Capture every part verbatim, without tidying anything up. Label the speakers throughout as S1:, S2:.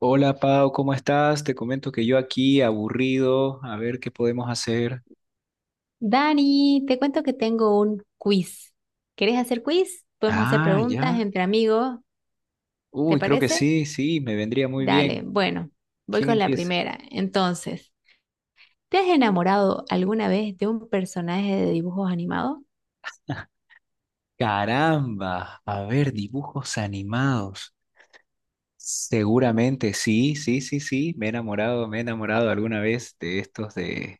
S1: Hola Pau, ¿cómo estás? Te comento que yo aquí aburrido, a ver qué podemos hacer.
S2: Dani, te cuento que tengo un quiz. ¿Querés hacer quiz? Podemos hacer
S1: Ah,
S2: preguntas
S1: ya.
S2: entre amigos, ¿te
S1: Uy, creo que
S2: parece?
S1: sí, sí, me vendría muy
S2: Dale,
S1: bien.
S2: bueno, voy
S1: ¿Quién
S2: con la
S1: empieza?
S2: primera. Entonces, ¿te has enamorado alguna vez de un personaje de dibujos animados?
S1: Caramba, a ver, dibujos animados. Seguramente, sí, sí, sí, sí. Me he enamorado, me he enamorado alguna vez de estos de,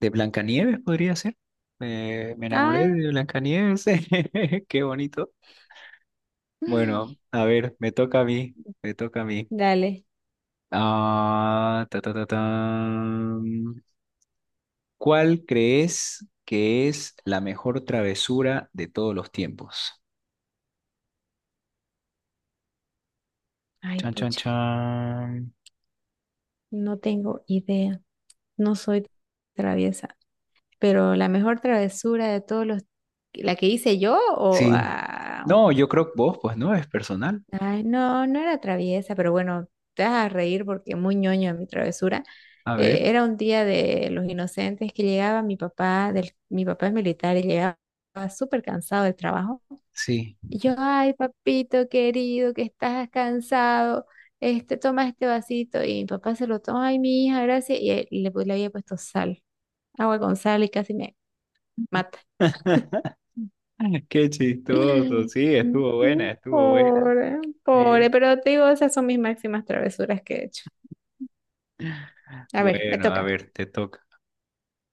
S1: de Blancanieves, podría ser. Me, me enamoré
S2: Ah,
S1: de Blancanieves. Qué bonito. Bueno, a ver, me toca a mí, me toca a mí.
S2: dale.
S1: Ah, ta, ta, ta, tan. ¿Cuál crees que es la mejor travesura de todos los tiempos?
S2: Ay,
S1: Chan, chan,
S2: pucha,
S1: chan.
S2: no tengo idea. No soy traviesa, pero la mejor travesura de todos los... ¿La que hice yo o...?
S1: Sí.
S2: Ah,
S1: No, yo creo que vos, pues no, es personal.
S2: ay, no, no era traviesa, pero bueno, te vas a reír porque muy ñoño mi travesura.
S1: A ver,
S2: Eh, era un día de los inocentes que llegaba mi papá, del, mi papá es militar y llegaba súper cansado del trabajo.
S1: sí.
S2: Y yo, ay, papito querido, que estás cansado, este, toma este vasito. Y mi papá se lo toma, ay, mi hija, gracias. Y él- le, pu- le había puesto sal, agua con sal y casi me mata.
S1: Qué chistoso. Sí, estuvo buena, estuvo buena.
S2: Pobre, pobre,
S1: Bien.
S2: pero te digo, esas son mis máximas travesuras que he hecho. A ver, me
S1: Bueno, a
S2: toca.
S1: ver, te toca.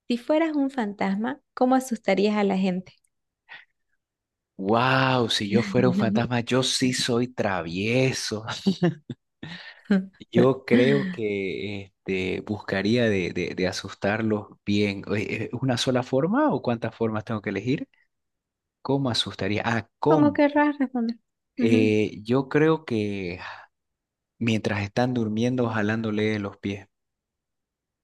S2: Si fueras un fantasma, ¿cómo asustarías a la gente?
S1: Wow, si yo fuera un fantasma, yo sí soy travieso. Yo creo que este, buscaría de, de, de asustarlos bien. Oye, ¿es una sola forma o cuántas formas tengo que elegir? ¿Cómo asustaría? Ah,
S2: ¿Cómo
S1: ¿cómo?
S2: querrás responder? Ujú.
S1: Eh, yo creo que mientras están durmiendo, jalándole los pies.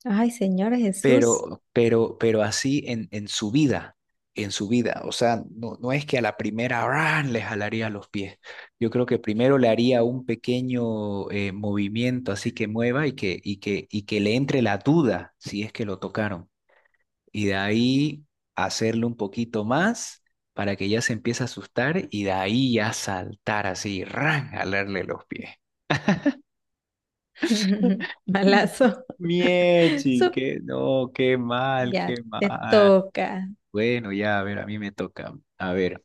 S2: Ay, Señor Jesús.
S1: pero, pero, pero así en, en su vida, en su vida. O sea, no, no es que a la primera ¡ran! Le jalaría los pies. Yo creo que primero le haría un pequeño eh, movimiento así que mueva y que, y que, y que le entre la duda si es que lo tocaron. Y de ahí hacerle un poquito más para que ya se empiece a asustar y de ahí ya saltar así, ¡ran!, jalarle los pies.
S2: Malazo.
S1: Miechi,
S2: Sup.
S1: que no, qué mal,
S2: Ya
S1: qué
S2: te
S1: mal.
S2: toca.
S1: Bueno, ya, a ver, a mí me toca. A ver,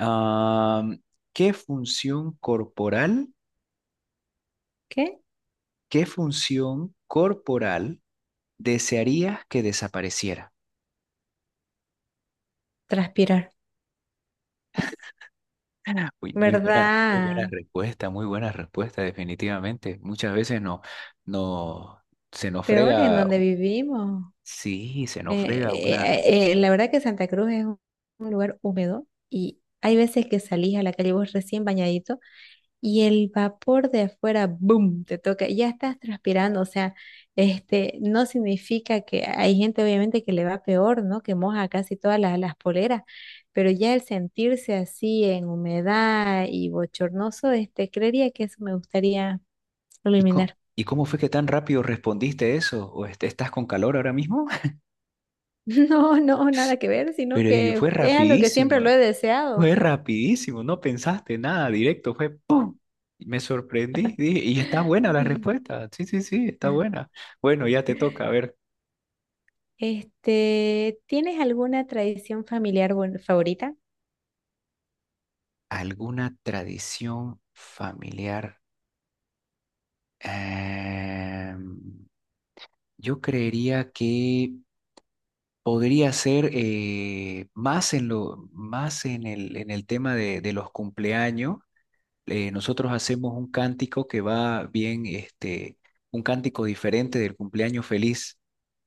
S1: am, ¿qué función corporal,
S2: ¿Qué?
S1: qué función corporal desearías que desapareciera?
S2: Transpirar.
S1: Uy, muy buena, muy buena
S2: ¿Verdad?
S1: respuesta, muy buena respuesta, definitivamente. Muchas veces no, no, se nos
S2: Peor en
S1: frega,
S2: donde vivimos.
S1: sí, se nos
S2: Eh,
S1: frega una.
S2: eh, eh, la verdad que Santa Cruz es un, un lugar húmedo y hay veces que salís a la calle vos recién bañadito y el vapor de afuera, ¡boom!, te toca, ya estás transpirando, o sea, este, no significa que hay gente obviamente que le va peor, ¿no? Que moja casi todas las, las poleras, pero ya el sentirse así en humedad y bochornoso, este, creería que eso me gustaría
S1: ¿Y co-
S2: eliminar.
S1: y cómo fue que tan rápido respondiste eso? ¿O est- estás con calor ahora mismo?
S2: No, no, nada que ver, sino
S1: Pero y
S2: que
S1: fue
S2: es a lo que siempre
S1: rapidísima.
S2: lo he
S1: Fue
S2: deseado.
S1: rapidísimo, no pensaste nada, directo, fue ¡pum! Y me sorprendí, dije, y está buena la respuesta. Sí, sí, sí, está buena. Bueno, ya te toca, a ver,
S2: Este, ¿tienes alguna tradición familiar buen- favorita?
S1: ¿alguna tradición familiar? Em, yo creería que podría ser eh, más en lo, más en el, en el tema de, de los cumpleaños. Eh, nosotros hacemos un cántico que va bien, este, un cántico diferente del cumpleaños feliz.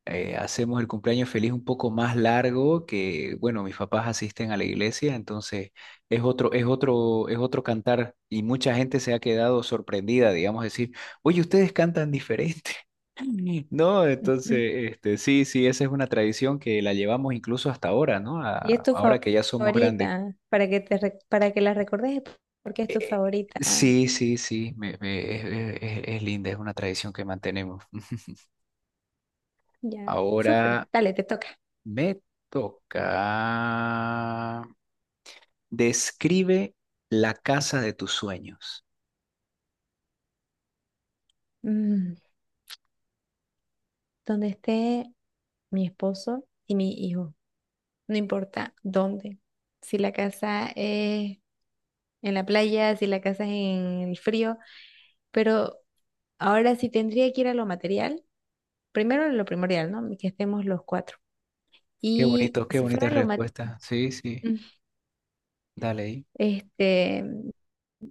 S1: eh, hacemos el cumpleaños feliz un poco más largo que, bueno, mis papás asisten a la iglesia, entonces es otro, es otro, es otro cantar y mucha gente se ha quedado sorprendida, digamos, decir, oye, ustedes cantan diferente. No, entonces, este, sí, sí, esa es una tradición que la llevamos incluso hasta ahora, ¿no?
S2: Y es
S1: A-
S2: tu
S1: ahora
S2: fa-
S1: que ya somos grandes.
S2: favorita, para que te re- para que la recordes, porque es tu
S1: Eh,
S2: favorita.
S1: sí, sí, sí, me- me- es, es- es- es linda, es una tradición que mantenemos.
S2: Ya, súper,
S1: Ahora
S2: dale, te toca.
S1: me toca. Describe la casa de tus sueños.
S2: Mm, donde esté mi esposo y mi hijo, no importa dónde. Si la casa es en la playa, si la casa es en el frío, pero ahora sí tendría que ir a lo material. Primero lo primordial, ¿no? Que estemos los cuatro.
S1: Qué
S2: Y
S1: bonito, qué
S2: si
S1: bonita
S2: fuera lo material,
S1: respuesta. Sí, sí, dale ahí.
S2: este,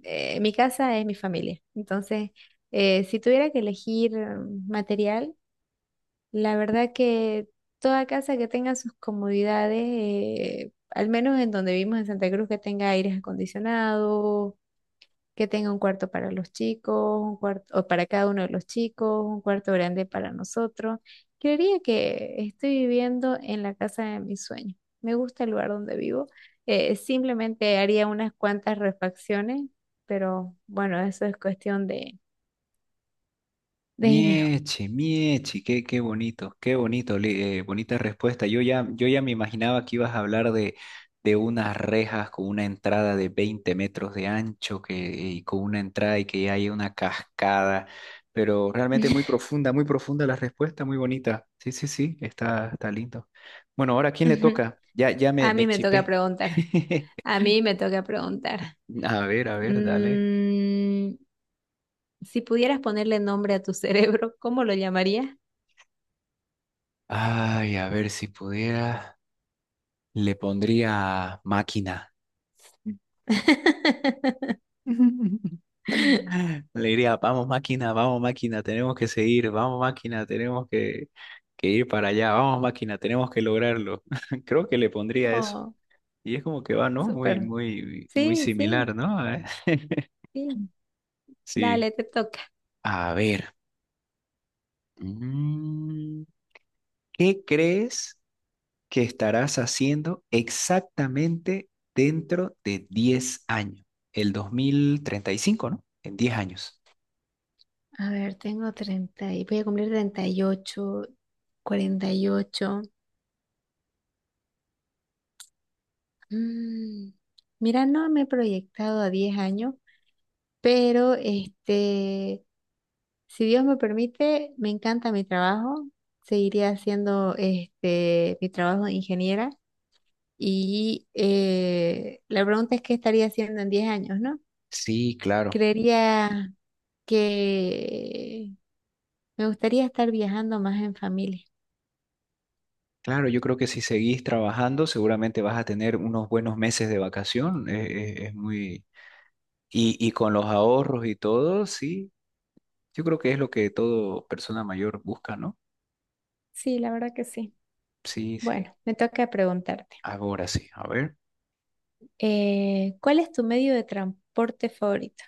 S2: eh, mi casa es mi familia. Entonces, eh, si tuviera que elegir mm, material, la verdad que toda casa que tenga sus comodidades, eh, al menos en donde vivimos en Santa Cruz, que tenga aires acondicionados, que tenga un cuarto para los chicos, un cuarto o para cada uno de los chicos, un cuarto grande para nosotros. Creería que estoy viviendo en la casa de mis sueños. Me gusta el lugar donde vivo. Eh, simplemente haría unas cuantas refacciones, pero bueno, eso es cuestión de, de, dinero.
S1: Mieche, mieche, qué, qué bonito, qué bonito, li- eh, bonita respuesta. Yo ya, yo ya me imaginaba que ibas a hablar de, de unas rejas con una entrada de veinte metros de ancho que, y con una entrada y que hay una cascada, pero realmente muy profunda, muy profunda la respuesta, muy bonita. Sí, sí, sí, está, está lindo. Bueno, ahora ¿a quién le
S2: Ujú.
S1: toca? Ya, ya me,
S2: A mí
S1: me
S2: me toca
S1: chipé.
S2: preguntar. A mí me toca preguntar.
S1: A ver, a ver, dale.
S2: Mm, si pudieras ponerle nombre a tu cerebro, ¿cómo lo llamarías?
S1: Ay, a ver si pudiera. Le pondría máquina. Le diría, vamos máquina, vamos máquina, tenemos que seguir, vamos máquina, tenemos que, que ir para allá, vamos máquina, tenemos que lograrlo. Creo que le pondría eso.
S2: Oh,
S1: Y es como que va, ¿no? Muy,
S2: súper.
S1: muy, muy
S2: Sí,
S1: similar,
S2: sí,
S1: ¿no?
S2: sí.
S1: Sí.
S2: Dale, te toca.
S1: A ver. mm, ¿Qué crees que estarás haciendo exactamente dentro de diez años, el dos mil treinta y cinco, ¿no? En diez años.
S2: A ver, tengo treinta y voy a cumplir treinta y ocho, cuarenta y ocho. Mm, Mira, no me he proyectado a diez años, pero este, si Dios me permite, me encanta mi trabajo. Seguiré haciendo este, mi trabajo de ingeniera. Y eh, la pregunta es, ¿qué estaría haciendo en diez años, no?
S1: Sí, claro.
S2: Creería que me gustaría estar viajando más en familia.
S1: Claro, yo creo que si seguís trabajando, seguramente vas a tener unos buenos meses de vacación. eh, eh, Es, muy... Y, y con los ahorros y todo, sí, yo creo que es lo que todo persona mayor busca, ¿no?
S2: Sí, la verdad que sí.
S1: Sí, sí.
S2: Bueno, me toca preguntarte,
S1: Ahora sí, a ver.
S2: eh, ¿cuál es tu medio de transporte favorito?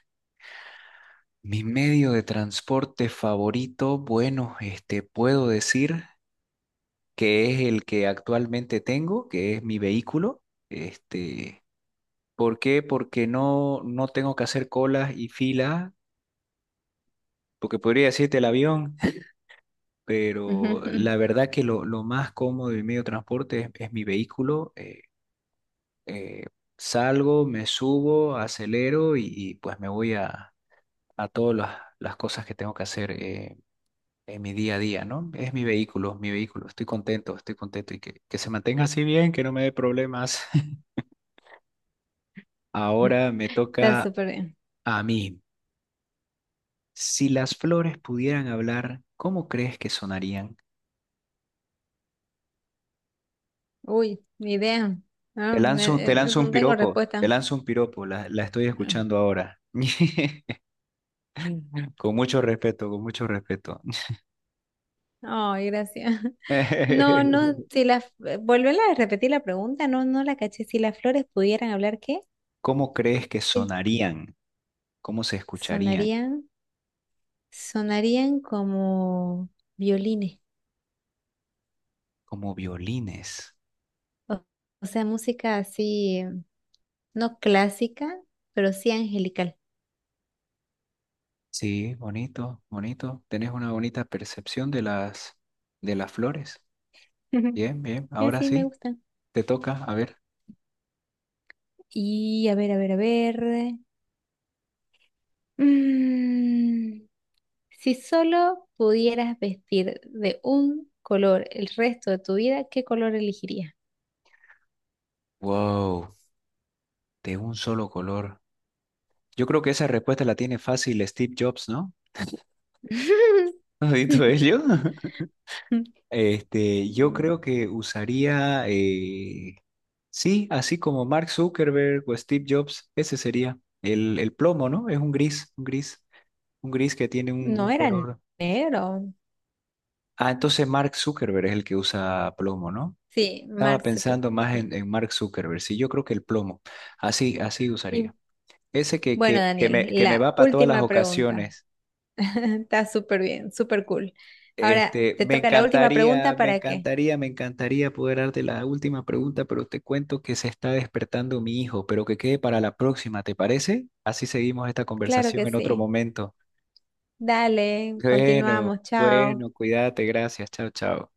S1: Mi medio de transporte favorito, bueno, este, puedo decir que es el que actualmente tengo, que es mi vehículo. Este, ¿por qué? Porque no, no tengo que hacer colas y filas, porque podría decirte el avión,
S2: Ujú,
S1: pero la verdad que lo, lo más cómodo del medio de transporte es, es mi vehículo. eh, eh, salgo, me subo, acelero y, y, pues me voy a, a todas las, las cosas que tengo que hacer. eh, en mi día a día, ¿no? Es mi vehículo, mi vehículo. Estoy contento, estoy contento y que, que se mantenga así bien, que no me dé problemas.
S2: ujú.
S1: Ahora me
S2: Está
S1: toca
S2: súper bien.
S1: a mí. Si las flores pudieran hablar, ¿cómo crees que sonarían?
S2: Uy, ni idea. No,
S1: Te
S2: me-
S1: lanzo,
S2: eh,
S1: te lanzo un
S2: no tengo
S1: piropo, te
S2: respuesta.
S1: lanzo un piropo, la, la estoy escuchando ahora. Con mucho respeto, con mucho respeto.
S2: Ay, gracias. No, no, si las... Volverla a repetir la pregunta, no, no la caché. Si las flores pudieran hablar, ¿qué?
S1: ¿Cómo crees que
S2: Eh,
S1: sonarían? ¿Cómo se escucharían?
S2: Sonarían, sonarían como violines,
S1: Como violines.
S2: o, o sea, música así. No clásica, pero sí angelical.
S1: Sí, bonito, bonito. Tenés una bonita percepción de las, de las flores.
S2: Ujú.
S1: Bien, bien.
S2: Eh,
S1: Ahora
S2: Sí, me
S1: sí,
S2: gusta.
S1: te toca, a ver.
S2: Y a ver, a ver, a ver. Mm, si solo pudieras vestir de un color el resto de tu vida, ¿qué color elegirías?
S1: Wow. De un solo color. Yo creo que esa respuesta la tiene fácil Steve Jobs, ¿no? ¿No has visto ello? Este, yo
S2: Mm,
S1: creo que usaría, eh, sí, así como Mark Zuckerberg o Steve Jobs, ese sería el, el plomo, ¿no? Es un gris, un gris, un gris que tiene un,
S2: No
S1: un
S2: era
S1: color.
S2: negro.
S1: Ah, entonces Mark Zuckerberg es el que usa plomo, ¿no?
S2: Sí,
S1: Estaba
S2: Mark Zucker,
S1: pensando más en,
S2: Sí.
S1: en Mark Zuckerberg, sí, yo creo que el plomo, así, así usaría.
S2: Y
S1: Ese que,
S2: bueno,
S1: que, que
S2: Daniel,
S1: me, que me
S2: la
S1: va para todas las
S2: última pregunta.
S1: ocasiones.
S2: Está súper bien, súper cool. ¿Ahora
S1: Este,
S2: te
S1: me
S2: toca la última
S1: encantaría,
S2: pregunta
S1: me
S2: para qué?
S1: encantaría, me encantaría poder darte la última pregunta, pero te cuento que se está despertando mi hijo, pero que quede para la próxima, ¿te parece? Así seguimos esta
S2: Claro que
S1: conversación en otro
S2: sí.
S1: momento.
S2: Dale,
S1: Bueno,
S2: continuamos. Chao.
S1: bueno, cuídate, gracias, chao, chao.